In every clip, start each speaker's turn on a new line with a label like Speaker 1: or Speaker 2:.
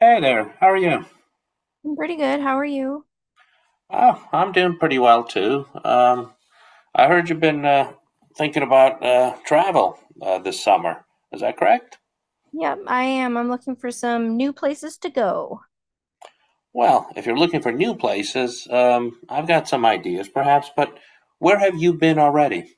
Speaker 1: Hey there, how are you?
Speaker 2: I'm pretty good. How are you?
Speaker 1: Oh, I'm doing pretty well too. I heard you've been thinking about travel this summer. Is that correct?
Speaker 2: Yep, I am. I'm looking for some new places to go.
Speaker 1: Well, if you're looking for new places, I've got some ideas perhaps, but where have you been already?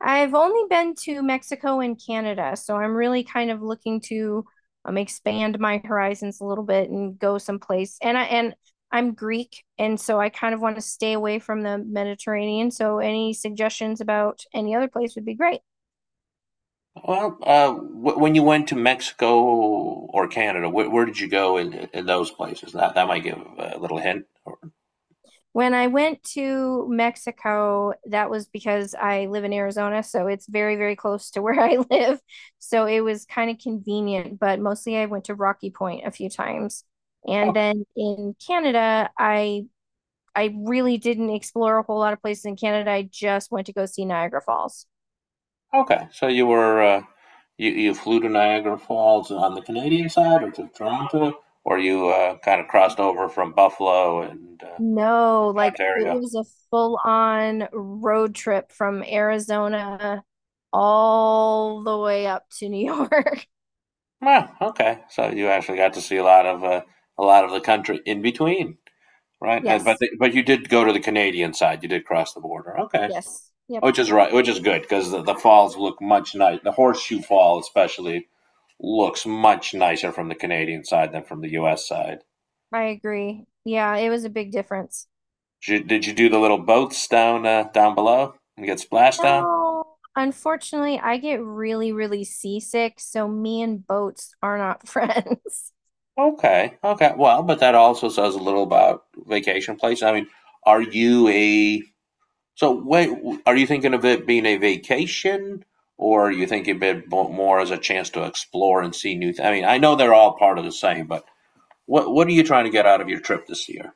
Speaker 2: I've only been to Mexico and Canada, so I'm really kind of looking to expand my horizons a little bit and go someplace. And I'm Greek, and so I kind of want to stay away from the Mediterranean. So any suggestions about any other place would be great.
Speaker 1: Well, when you went to Mexico or Canada, where did you go in those places? That might give a little hint.
Speaker 2: When I went to Mexico, that was because I live in Arizona, so it's very, very close to where I live. So it was kind of convenient, but mostly I went to Rocky Point a few times. And then in Canada, I really didn't explore a whole lot of places in Canada. I just went to go see Niagara Falls.
Speaker 1: Okay, so you were you flew to Niagara Falls on the Canadian side, or to Toronto, or you kind of crossed over from Buffalo and
Speaker 2: No, like it
Speaker 1: Ontario.
Speaker 2: was a full-on road trip from Arizona all the way up to New York.
Speaker 1: Ah, okay, so you actually got to see a lot of the country in between, right? And, but
Speaker 2: Yes.
Speaker 1: the, but you did go to the Canadian side. You did cross the border. Okay,
Speaker 2: Yes. Yep.
Speaker 1: which is good because the falls look much nice. The Horseshoe Fall especially looks much nicer from the Canadian side than from the U.S. side.
Speaker 2: I agree. Yeah, it was a big difference.
Speaker 1: Did you do the little boats down down below and get splashed on?
Speaker 2: No, unfortunately, I get really, really seasick, so me and boats are not friends.
Speaker 1: Okay, okay. Well, but that also says a little about vacation place. I mean, are you a so wait? Are you thinking of it being a vacation, or are you thinking of it more as a chance to explore and see new? I mean, I know they're all part of the same, but what are you trying to get out of your trip this year?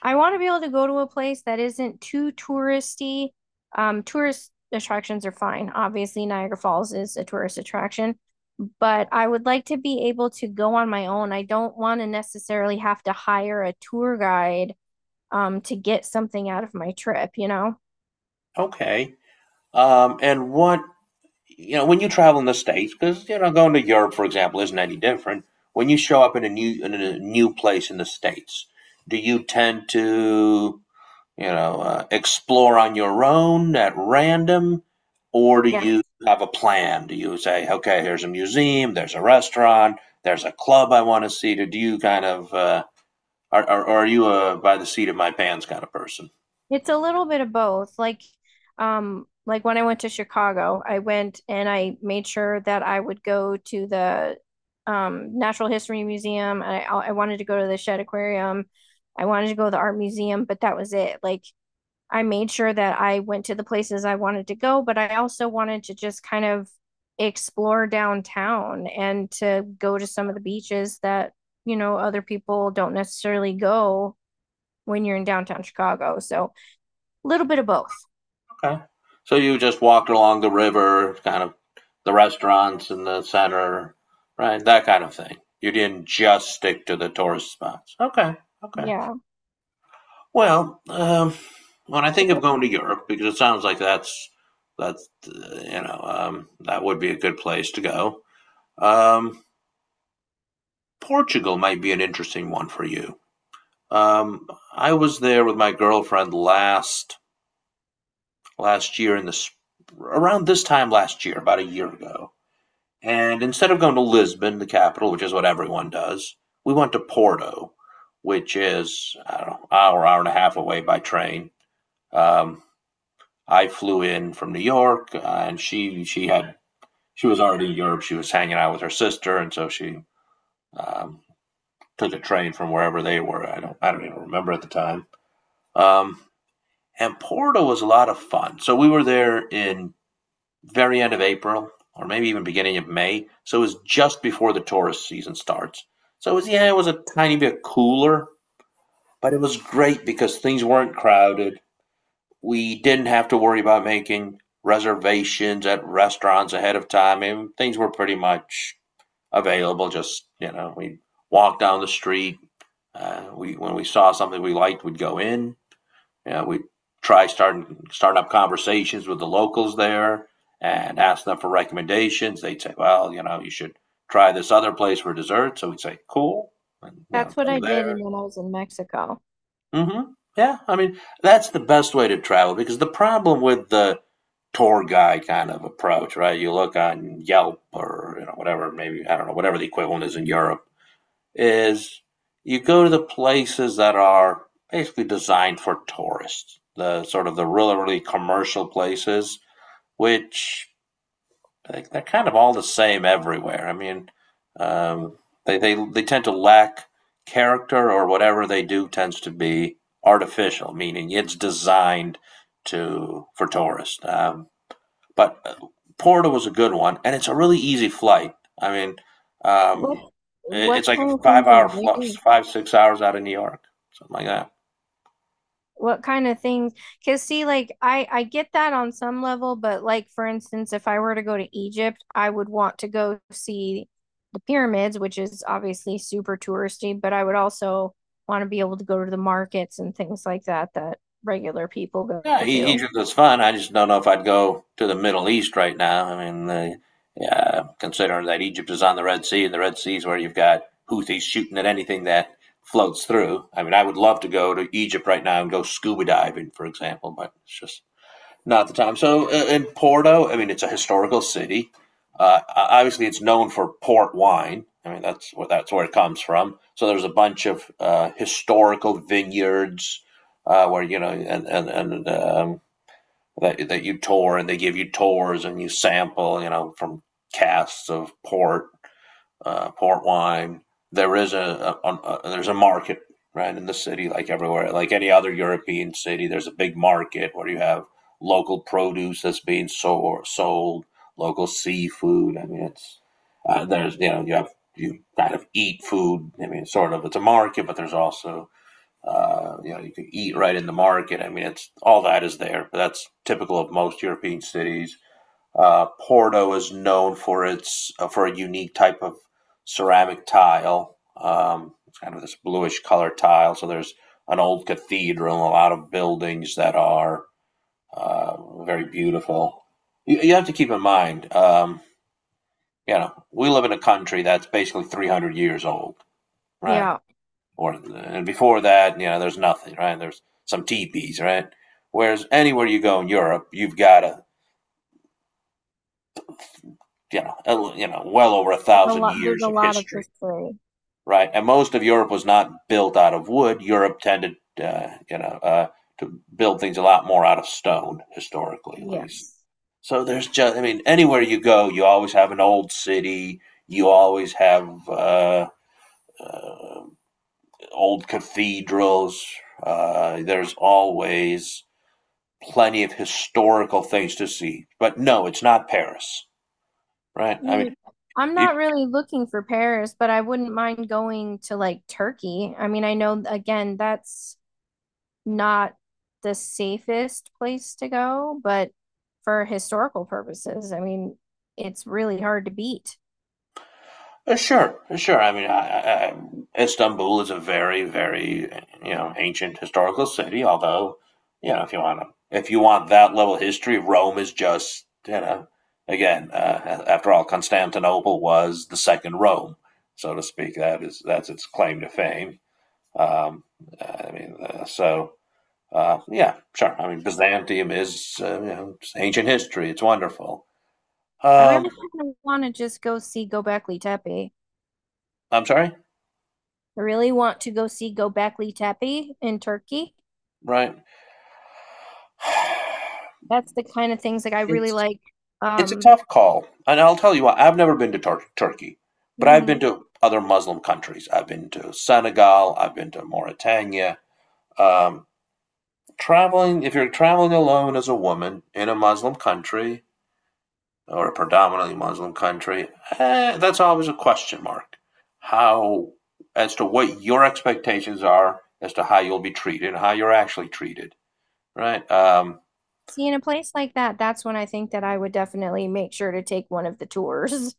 Speaker 2: I want to be able to go to a place that isn't too touristy. Tourist attractions are fine. Obviously, Niagara Falls is a tourist attraction, but I would like to be able to go on my own. I don't want to necessarily have to hire a tour guide, to get something out of my trip?
Speaker 1: Okay. And what you know, when you travel in the states, because you know, going to Europe, for example, isn't any different. When you show up in a new place in the states, do you tend to you know explore on your own at random, or do
Speaker 2: Yeah.
Speaker 1: you have a plan? Do you say, okay, here's a museum, there's a restaurant, there's a club I want to see? Or do you kind of are you a by the seat of my pants kind of person?
Speaker 2: It's a little bit of both. Like when I went to Chicago, I went and I made sure that I would go to the Natural History Museum. I wanted to go to the Shedd Aquarium. I wanted to go to the art museum, but that was it. Like, I made sure that I went to the places I wanted to go, but I also wanted to just kind of explore downtown and to go to some of the beaches that, other people don't necessarily go when you're in downtown Chicago. So a little bit of both.
Speaker 1: Okay. So you just walked along the river, kind of the restaurants in the center, right? That kind of thing. You didn't just stick to the tourist spots. Okay. Okay.
Speaker 2: Yeah,
Speaker 1: Well, when I
Speaker 2: I
Speaker 1: think of
Speaker 2: think
Speaker 1: going to Europe, because it sounds like that's you know that would be a good place to go. Um, Portugal might be an interesting one for you. Um, I was there with my girlfriend last year in the around this time last year, about a year ago. And instead of going to Lisbon, the capital, which is what everyone does, we went to Porto, which is, I don't know, an hour, hour and a half away by train. Um, I flew in from New York, and she was already in Europe. She was hanging out with her sister, and so she um, took a train from wherever they were. I don't even remember at the time. Um, and Porto was a lot of fun. So we were there in very end of April or maybe even beginning of May. So it was just before the tourist season starts. So it was, yeah, it was a tiny bit cooler, but it was great because things weren't crowded. We didn't have to worry about making reservations at restaurants ahead of time. And things were pretty much available. Just, you know, we walked down the street. When we saw something we liked, we'd go in. Yeah, we try starting up conversations with the locals there and ask them for recommendations. They'd say, "Well, you know, you should try this other place for dessert." So we'd say, "Cool," and you know,
Speaker 2: that's what
Speaker 1: go
Speaker 2: I did,
Speaker 1: there.
Speaker 2: and when I was in Mexico.
Speaker 1: hmm Yeah, I mean, that's the best way to travel because the problem with the tour guide kind of approach, right? You look on Yelp or you know whatever, maybe I don't know whatever the equivalent is in Europe is you go to the places that are basically designed for tourists, the sort of the really, really commercial places, which like, they're kind of all the same everywhere. I mean, um, they tend to lack character or whatever they do tends to be artificial, meaning it's designed to for tourists. But Porto was a good one, and it's a really easy flight. I mean,
Speaker 2: What
Speaker 1: um,
Speaker 2: what
Speaker 1: it's like a
Speaker 2: kind of things are
Speaker 1: five-hour flight,
Speaker 2: they?
Speaker 1: 5 6 hours out of New York, something like that.
Speaker 2: What kind of things? Because see, like I get that on some level, but like for instance, if I were to go to Egypt, I would want to go see the pyramids, which is obviously super touristy, but I would also want to be able to go to the markets and things like that that regular people go to.
Speaker 1: Egypt is fun. I just don't know if I'd go to the Middle East right now. I mean, yeah, considering that Egypt is on the Red Sea, and the Red Sea is where you've got Houthis shooting at anything that floats through. I mean, I would love to go to Egypt right now and go scuba diving, for example, but it's just not at the time. So in Porto, I mean, it's a historical city. Uh, Obviously, it's known for port wine. I mean, that's where it comes from. So there's a bunch of historical vineyards where you know, and that that you tour, and they give you tours, and you sample, you know, from casks of port port wine. There is a there's a market right in the city, like everywhere, like any other European city. There's a big market where you have local produce that's being sold local seafood. I mean, it's there's you know you have you kind of eat food. I mean, sort of it's a market, but there's also you know you can eat right in the market. I mean, it's all that is there. But that's typical of most European cities. Porto is known for its for a unique type of ceramic tile. It's kind of this bluish color tile. So there's an old cathedral, a lot of buildings that are very beautiful. You have to keep in mind, you know, we live in a country that's basically 300 years old, right?
Speaker 2: Yeah,
Speaker 1: Or and before that, you know, there's nothing, right? There's some teepees, right? Whereas anywhere you go in Europe, you've got a you know, well over a
Speaker 2: there's a
Speaker 1: thousand
Speaker 2: lot. There's
Speaker 1: years
Speaker 2: a
Speaker 1: of
Speaker 2: lot of
Speaker 1: history,
Speaker 2: history.
Speaker 1: right? And most of Europe was not built out of wood. Europe tended, you know, to build things a lot more out of stone, historically at least.
Speaker 2: Yes.
Speaker 1: So there's just, I mean, anywhere you go, you always have an old city. You always have old cathedrals. There's always plenty of historical things to see. But no, it's not Paris, right? I
Speaker 2: Me,
Speaker 1: mean,
Speaker 2: I'm
Speaker 1: if
Speaker 2: not really looking for Paris, but I wouldn't mind going to like Turkey. I mean, I know again, that's not the safest place to go, but for historical purposes, I mean, it's really hard to beat.
Speaker 1: Sure, sure. I mean, Istanbul is a very, very you know ancient historical city. Although, you know, if you want that level of history, Rome is just you know again. After all, Constantinople was the second Rome, so to speak. That's its claim to fame. Um, I mean, uh, so yeah, sure. I mean, Byzantium is you know it's ancient history. It's wonderful.
Speaker 2: I
Speaker 1: Um,
Speaker 2: really kind of want to just go see Göbekli Tepe.
Speaker 1: I'm sorry,
Speaker 2: I really want to go see Göbekli Tepe in Turkey.
Speaker 1: right?
Speaker 2: That's the kind of things like I really
Speaker 1: It's
Speaker 2: like.
Speaker 1: It's a
Speaker 2: Um,
Speaker 1: tough call, and I'll tell you what. I've never been to Turkey, but I've been
Speaker 2: mhm.
Speaker 1: to other Muslim countries. I've been to Senegal. I've been to Mauritania. Um, Traveling, if you're traveling alone as a woman in a Muslim country or a predominantly Muslim country, that's always a question mark. How, as to what your expectations are, as to how you'll be treated, how you're actually treated, right?
Speaker 2: See, in a place like that, that's when I think that I would definitely make sure to take one of the tours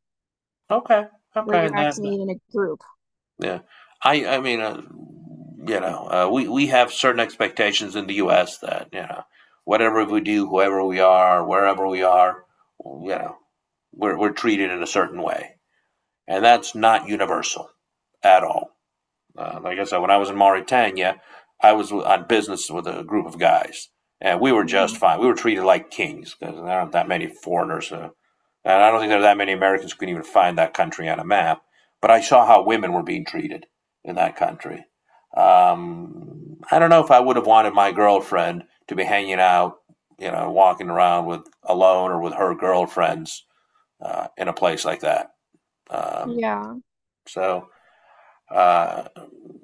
Speaker 1: Okay,
Speaker 2: where
Speaker 1: okay,
Speaker 2: you're
Speaker 1: and that
Speaker 2: actually in a group.
Speaker 1: yeah, I mean, you know, we have certain expectations in the U.S. that you know, whatever we do, whoever we are, wherever we are, you know, we're treated in a certain way, and that's not universal at all. Like I said, when I was in Mauritania, I was on business with a group of guys, and we were just
Speaker 2: Mhm.
Speaker 1: fine. We were treated like kings because there aren't that many foreigners. And I don't think there are that many Americans who can even find that country on a map. But I saw how women were being treated in that country. I don't know if I would have wanted my girlfriend to be hanging out, you know, walking around with alone or with her girlfriends in a place like that. Um,
Speaker 2: Yeah.
Speaker 1: so uh,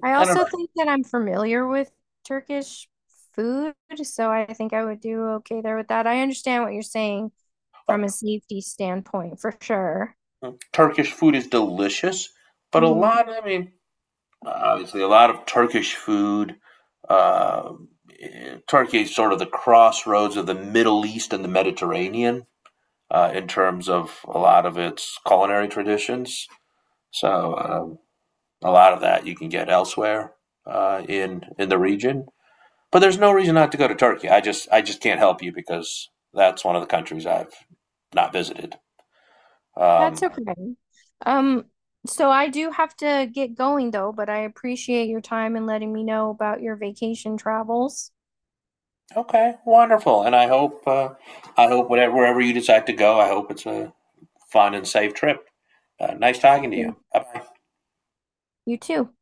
Speaker 2: I
Speaker 1: I don't
Speaker 2: also
Speaker 1: know.
Speaker 2: think that I'm familiar with Turkish food, so I think I would do okay there with that. I understand what you're saying
Speaker 1: Uh,
Speaker 2: from a safety standpoint for sure.
Speaker 1: Turkish food is delicious, but a
Speaker 2: Hmm.
Speaker 1: lot. I mean, obviously a lot of Turkish food. Uh, Turkey is sort of the crossroads of the Middle East and the Mediterranean in terms of a lot of its culinary traditions. So a lot of that you can get elsewhere in the region. But there's no reason not to go to Turkey. I just can't help you because that's one of the countries I've not visited.
Speaker 2: That's
Speaker 1: Um,
Speaker 2: okay. Um, so I do have to get going though, but I appreciate your time and letting me know about your vacation travels.
Speaker 1: okay, wonderful. And I hope whatever wherever you decide to go, I hope it's a fun and safe trip. Nice
Speaker 2: Thank
Speaker 1: talking to you.
Speaker 2: you.
Speaker 1: Bye bye.
Speaker 2: You too.